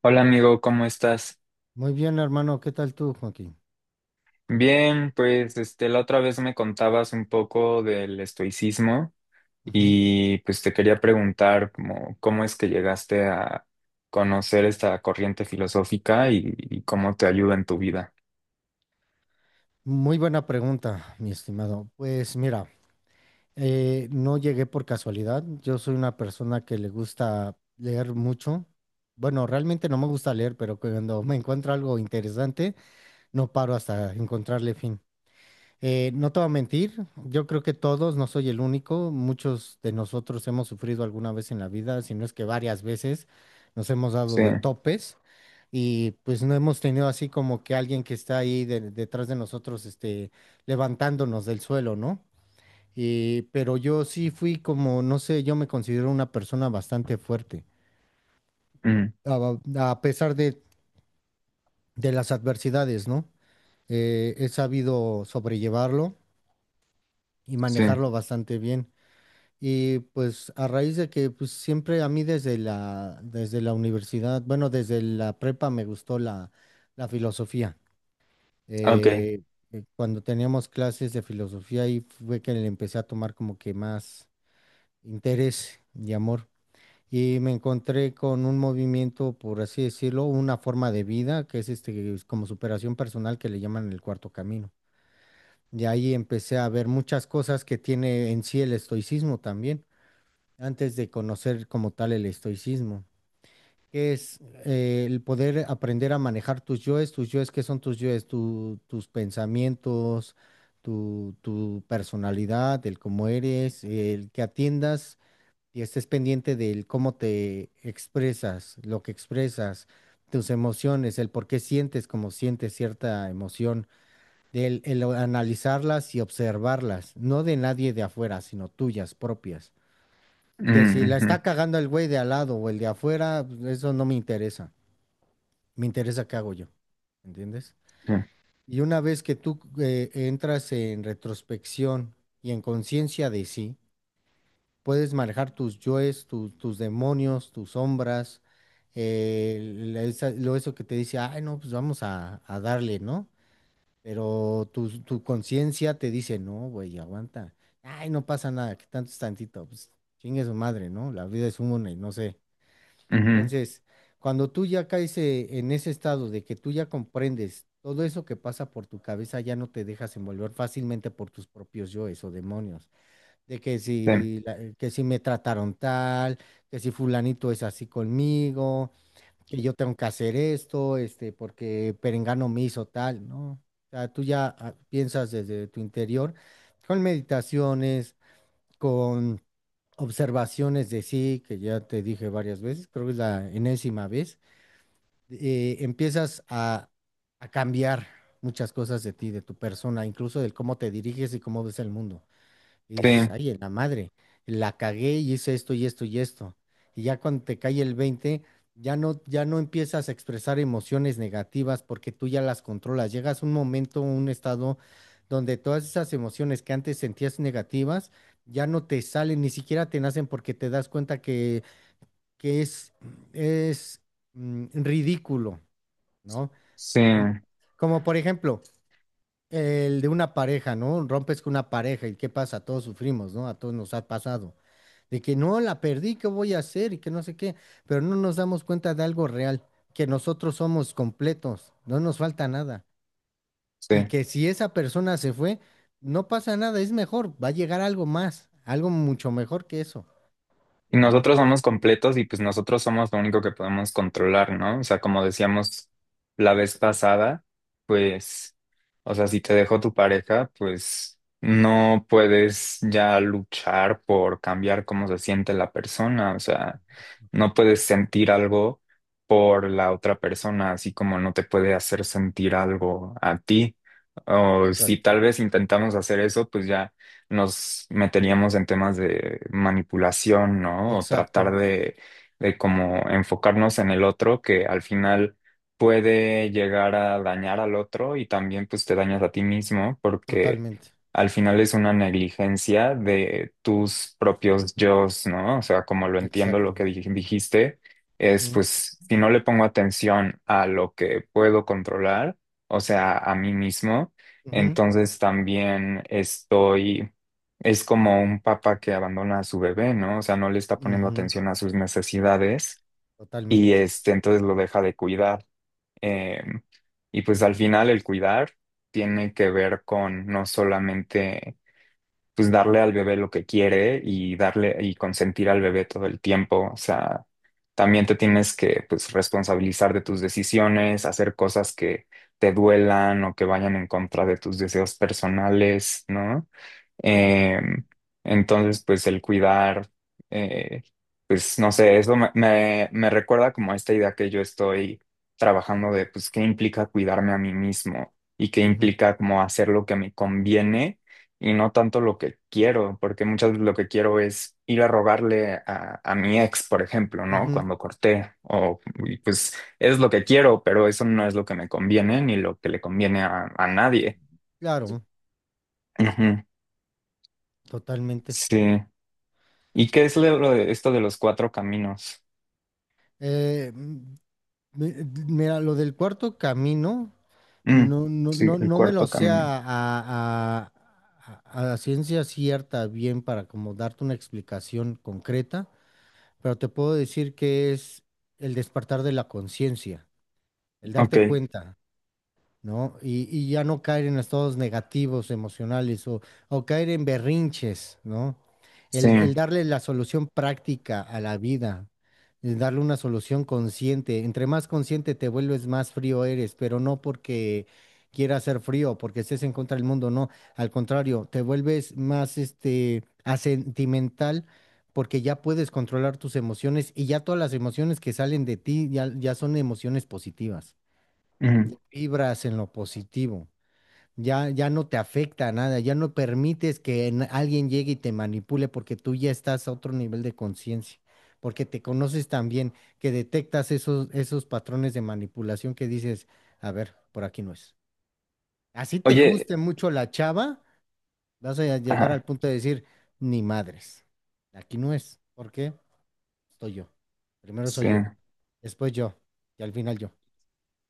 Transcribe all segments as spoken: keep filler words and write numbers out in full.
Hola amigo, ¿cómo estás? Muy bien, hermano. ¿Qué tal tú, Joaquín? Bien, pues este, la otra vez me contabas un poco del estoicismo Ujú. y pues te quería preguntar cómo, cómo es que llegaste a conocer esta corriente filosófica y, y cómo te ayuda en tu vida. Muy buena pregunta, mi estimado. Pues mira, eh, no llegué por casualidad. Yo soy una persona que le gusta leer mucho. Bueno, realmente no me gusta leer, pero cuando me encuentro algo interesante, no paro hasta encontrarle fin. Eh, no te voy a mentir, yo creo que todos, no soy el único, muchos de nosotros hemos sufrido alguna vez en la vida, si no es que varias veces nos hemos dado Sí, de topes y pues no hemos tenido así como que alguien que está ahí de- detrás de nosotros, este, levantándonos del suelo, ¿no? Y, pero yo sí fui como, no sé, yo me considero una persona bastante fuerte, mm, a, a pesar de, de las adversidades, ¿no? Eh, he sabido sobrellevarlo y sí, manejarlo bastante bien. Y pues a raíz de que pues siempre a mí desde la, desde la universidad, bueno, desde la prepa me gustó la, la filosofía. ok. Eh, eh, Cuando teníamos clases de filosofía ahí fue que le empecé a tomar como que más interés y amor. Y me encontré con un movimiento, por así decirlo, una forma de vida, que es este, es como superación personal que le llaman el cuarto camino. De ahí empecé a ver muchas cosas que tiene en sí el estoicismo también antes de conocer como tal el estoicismo, que es eh, el poder aprender a manejar tus yoes, tus yoes, ¿qué son tus yoes? Tu- tus pensamientos, tu, tu personalidad, el cómo eres, el que atiendas y estés pendiente del cómo te expresas, lo que expresas, tus emociones, el por qué sientes como sientes cierta emoción. Del, el analizarlas y observarlas, no de nadie de afuera, sino tuyas propias. Que si Mm, la está ujú, cagando el güey de al lado o el de afuera, pues, eso no me interesa. Me interesa qué hago yo. ¿Entiendes? sí, Y una vez que tú eh, entras en retrospección y en conciencia de sí, puedes manejar tus yoes, tu- tus demonios, tus sombras, eh, la- esa- lo eso que te dice, ay, no, pues vamos a, a darle, ¿no? Pero tu, tu conciencia te dice, no, güey, aguanta. Ay, no pasa nada, que tanto es tantito, pues chingue su madre, ¿no? La vida es una y no sé. ujú, Entonces, cuando tú ya caes eh, en ese estado de que tú ya comprendes todo eso que pasa por tu cabeza, ya no te dejas envolver fácilmente por tus propios yoes o demonios, de que sí, si, la- eh, que si me trataron tal, que si fulanito es así conmigo, que yo tengo que hacer esto, este, porque Perengano me hizo tal, ¿no? O sea, tú ya ah, piensas desde tu interior con meditaciones, con observaciones de sí, que ya te dije varias veces, creo que es la enésima vez, eh, empiezas a, a cambiar muchas cosas de ti, de tu persona, incluso del cómo te diriges y cómo ves el mundo. Y dices, sí, ay, en la madre, la cagué y hice esto y esto y esto. Y ya cuando te cae el veinte, ya no, ya no empiezas a expresar emociones negativas porque tú ya las controlas. Llegas a un momento, un estado donde todas esas emociones que antes sentías negativas, ya no te salen, ni siquiera te nacen porque te das cuenta que, que es, es mm, ridículo, ¿no? sí, Como, como por ejemplo, el de una pareja, ¿no? Rompes con una pareja y ¿qué pasa? Todos sufrimos, ¿no? A todos nos ha pasado. De que no, la perdí, ¿qué voy a hacer? Y que no sé qué, pero no nos damos cuenta de algo real, que nosotros somos completos, no nos falta nada. Y sí. que si esa persona se fue, no pasa nada, es mejor, va a llegar algo más, algo mucho mejor que eso, Y ¿no? nosotros somos completos y pues nosotros somos lo único que podemos controlar, ¿no? O sea, como decíamos la vez pasada, pues, o sea, si te dejó tu pareja, pues no puedes ya luchar por cambiar cómo se siente la persona, o sea, no puedes sentir algo por la otra persona, así como no te puede hacer sentir algo a ti. O si Exacto, tal vez intentamos hacer eso, pues ya nos meteríamos en temas de manipulación, ¿no? O exacto, tratar de, de como enfocarnos en el otro, que al final puede llegar a dañar al otro y también pues te dañas a ti mismo porque totalmente, al final es una negligencia de tus propios yos, ¿no? O sea, como lo entiendo lo exacto. que dij- dijiste, es Ujú, pues si no le pongo atención a lo que puedo controlar, o sea, a mí mismo, ujú, entonces también estoy, es como un papá que abandona a su bebé, ¿no? O sea, no le está poniendo ujú, atención a sus necesidades y totalmente. este, entonces lo deja de cuidar. Eh, y pues al final el cuidar tiene que ver con no solamente pues darle al bebé lo que quiere y darle y consentir al bebé todo el tiempo. O sea, también te tienes que pues responsabilizar de tus decisiones, hacer cosas que te duelan o que vayan en contra de tus deseos personales, ¿no? Eh, entonces, pues el cuidar, eh, pues no sé, eso me, me, me recuerda como a esta idea que yo estoy trabajando de, pues, qué implica cuidarme a mí mismo y qué Ujú. implica como hacer lo que me conviene y no tanto lo que quiero, porque muchas veces lo que quiero es ir a rogarle a, a mi ex, por ejemplo, ¿no? Ujú, Cuando corté, o y pues es lo que quiero, pero eso no es lo que me conviene ni lo que le conviene a, a nadie. claro, Ujú, totalmente. sí. ¿Y qué es lo de esto de los cuatro caminos? Eh, mm, mi- mira, lo del cuarto camino, Mm, no, no, sí, no, el no me lo cuarto sé camino. a, a, a- a- a ciencia cierta bien para como darte una explicación concreta, pero te puedo decir que es el despertar de la conciencia, el Ok, darte cuenta, ¿no? Y, y ya no caer en estados negativos emocionales o, o caer en berrinches, ¿no? sí. El, el darle la solución práctica a la vida, el darle una solución consciente. Entre más consciente te vuelves, más frío eres, pero no porque quieras ser frío, porque estés en contra del mundo, no. Al contrario, te vuelves más este asentimental. Porque ya puedes controlar tus emociones y ya todas las emociones que salen de ti ya, ya, son emociones positivas. Ujú. Vibras en lo positivo. Ya, ya no te afecta a nada, ya no permites que en- alguien llegue y te manipule porque tú ya estás a otro nivel de conciencia, porque te conoces tan bien que detectas esos, esos patrones de manipulación que dices, a ver, por aquí no es. Así te Oye, guste mucho la chava, vas a llegar al ajá, punto de decir, ni madres, aquí no es. ¿Por qué? Estoy yo. Primero sí. soy yo, después yo y al final yo.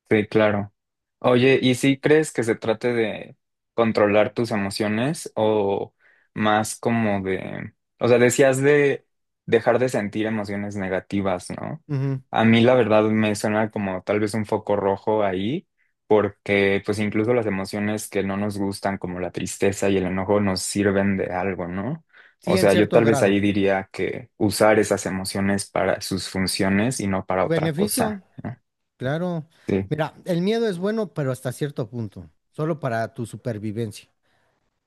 Sí, claro. Oye, ¿y si crees que se trate de controlar tus emociones o más como de, o sea, decías de dejar de sentir emociones negativas, ¿no? Ujú. A mí la verdad me suena como tal vez un foco rojo ahí, porque pues incluso las emociones que no nos gustan, como la tristeza y el enojo, nos sirven de algo, ¿no? O Sí, en sea, yo cierto tal vez grado. ahí diría que usar esas emociones para sus funciones y no para Tu otra cosa. beneficio. Claro. Sí, Mira, el miedo es bueno, pero hasta cierto punto, solo para tu supervivencia.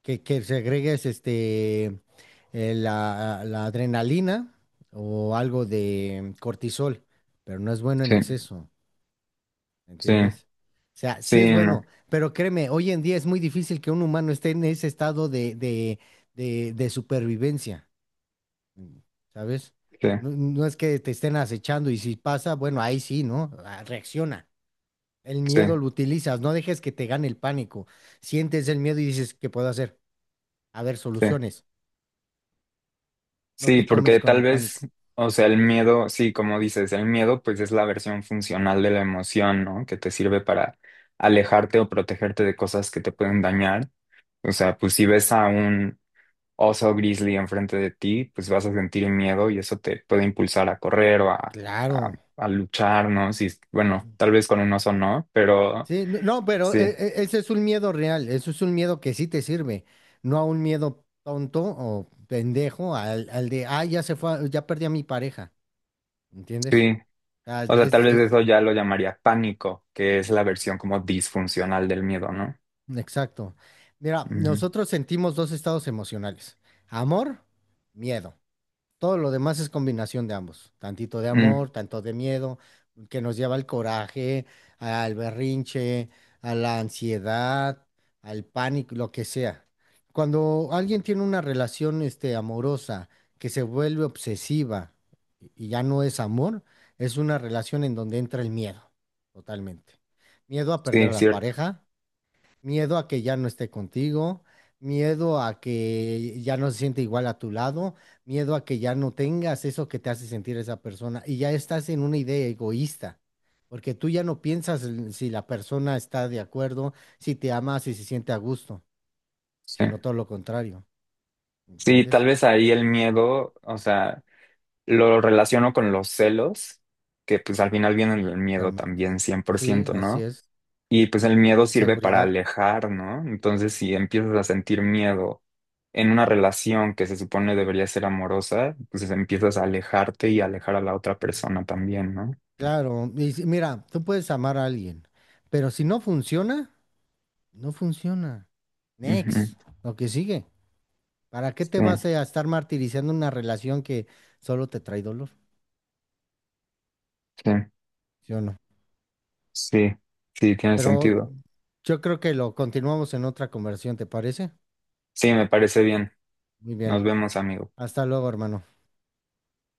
Que, que segregues este, eh, la, la adrenalina o algo de cortisol, pero no es bueno en sí, exceso, sí. ¿entiendes? O sea, sí Sí, es no, bueno, pero créeme, hoy en día es muy difícil que un humano esté en ese estado de, de, de, de supervivencia, ¿sabes? sí, No, no es que te estén acechando y si pasa, bueno, ahí sí, ¿no? Ah, reacciona, el sí, miedo lo utilizas, no dejes que te gane el pánico. Sientes el miedo y dices, ¿qué puedo hacer? A ver, sí. soluciones. No Sí, te comes porque con tal el pánico. vez, o sea, el miedo, sí, como dices, el miedo pues es la versión funcional de la emoción, ¿no? Que te sirve para alejarte o protegerte de cosas que te pueden dañar. O sea, pues si ves a un oso grizzly enfrente de ti, pues vas a sentir miedo y eso te puede impulsar a correr o a, a, Claro. a luchar, ¿no? Sí, bueno, tal vez con un oso no, pero Sí, no, no, pero sí, eh, eh, ese es un miedo real, eso es un miedo que sí te sirve, no a un miedo tonto o pendejo al, al de, ah, ya se fue, a- ya perdí a mi pareja, ¿entiendes? sí. Ah, O sea, tal es, vez es- eso ya lo llamaría pánico, que es la mm, versión como disfuncional del miedo, ¿no? exacto. Mira, Ujú. nosotros sentimos dos estados emocionales, amor, miedo. Todo lo demás es combinación de ambos, tantito de Mm, amor, tanto de miedo, que nos lleva al coraje, al berrinche, a la ansiedad, al pánico, lo que sea. Cuando alguien tiene una relación, este, amorosa que se vuelve obsesiva y ya no es amor, es una relación en donde entra el miedo, totalmente. Miedo a perder a sí, la cierto. pareja, miedo a que ya no esté contigo, miedo a que ya no se siente igual a tu lado, miedo a que ya no tengas eso que te hace sentir esa persona y ya estás en una idea egoísta, porque tú ya no piensas en si la persona está de acuerdo, si te ama, si se siente a gusto, Sí. sino todo lo contrario, Sí, tal ¿entiendes? vez ahí el miedo, o sea, lo relaciono con los celos, que pues al final vienen del miedo Totalmente. también, cien por Sí, ciento, así ¿no? es. Y pues el miedo sirve para Inseguridad. alejar, ¿no? Entonces, si empiezas a sentir miedo en una relación que se supone debería ser amorosa, pues empiezas a alejarte y alejar a la otra persona también, ¿no? Claro, y si- mira, tú puedes amar a alguien, pero si no funciona, no funciona. Ujú. Next, lo que sigue. ¿Para qué te Sí, vas a estar martirizando una relación que solo te trae dolor? sí. ¿Sí o no? Sí, sí, tiene Pero sentido. yo creo que lo continuamos en otra conversación, ¿te parece? Sí, me parece bien. Muy Nos bien. vemos, amigo. Hasta luego, hermano.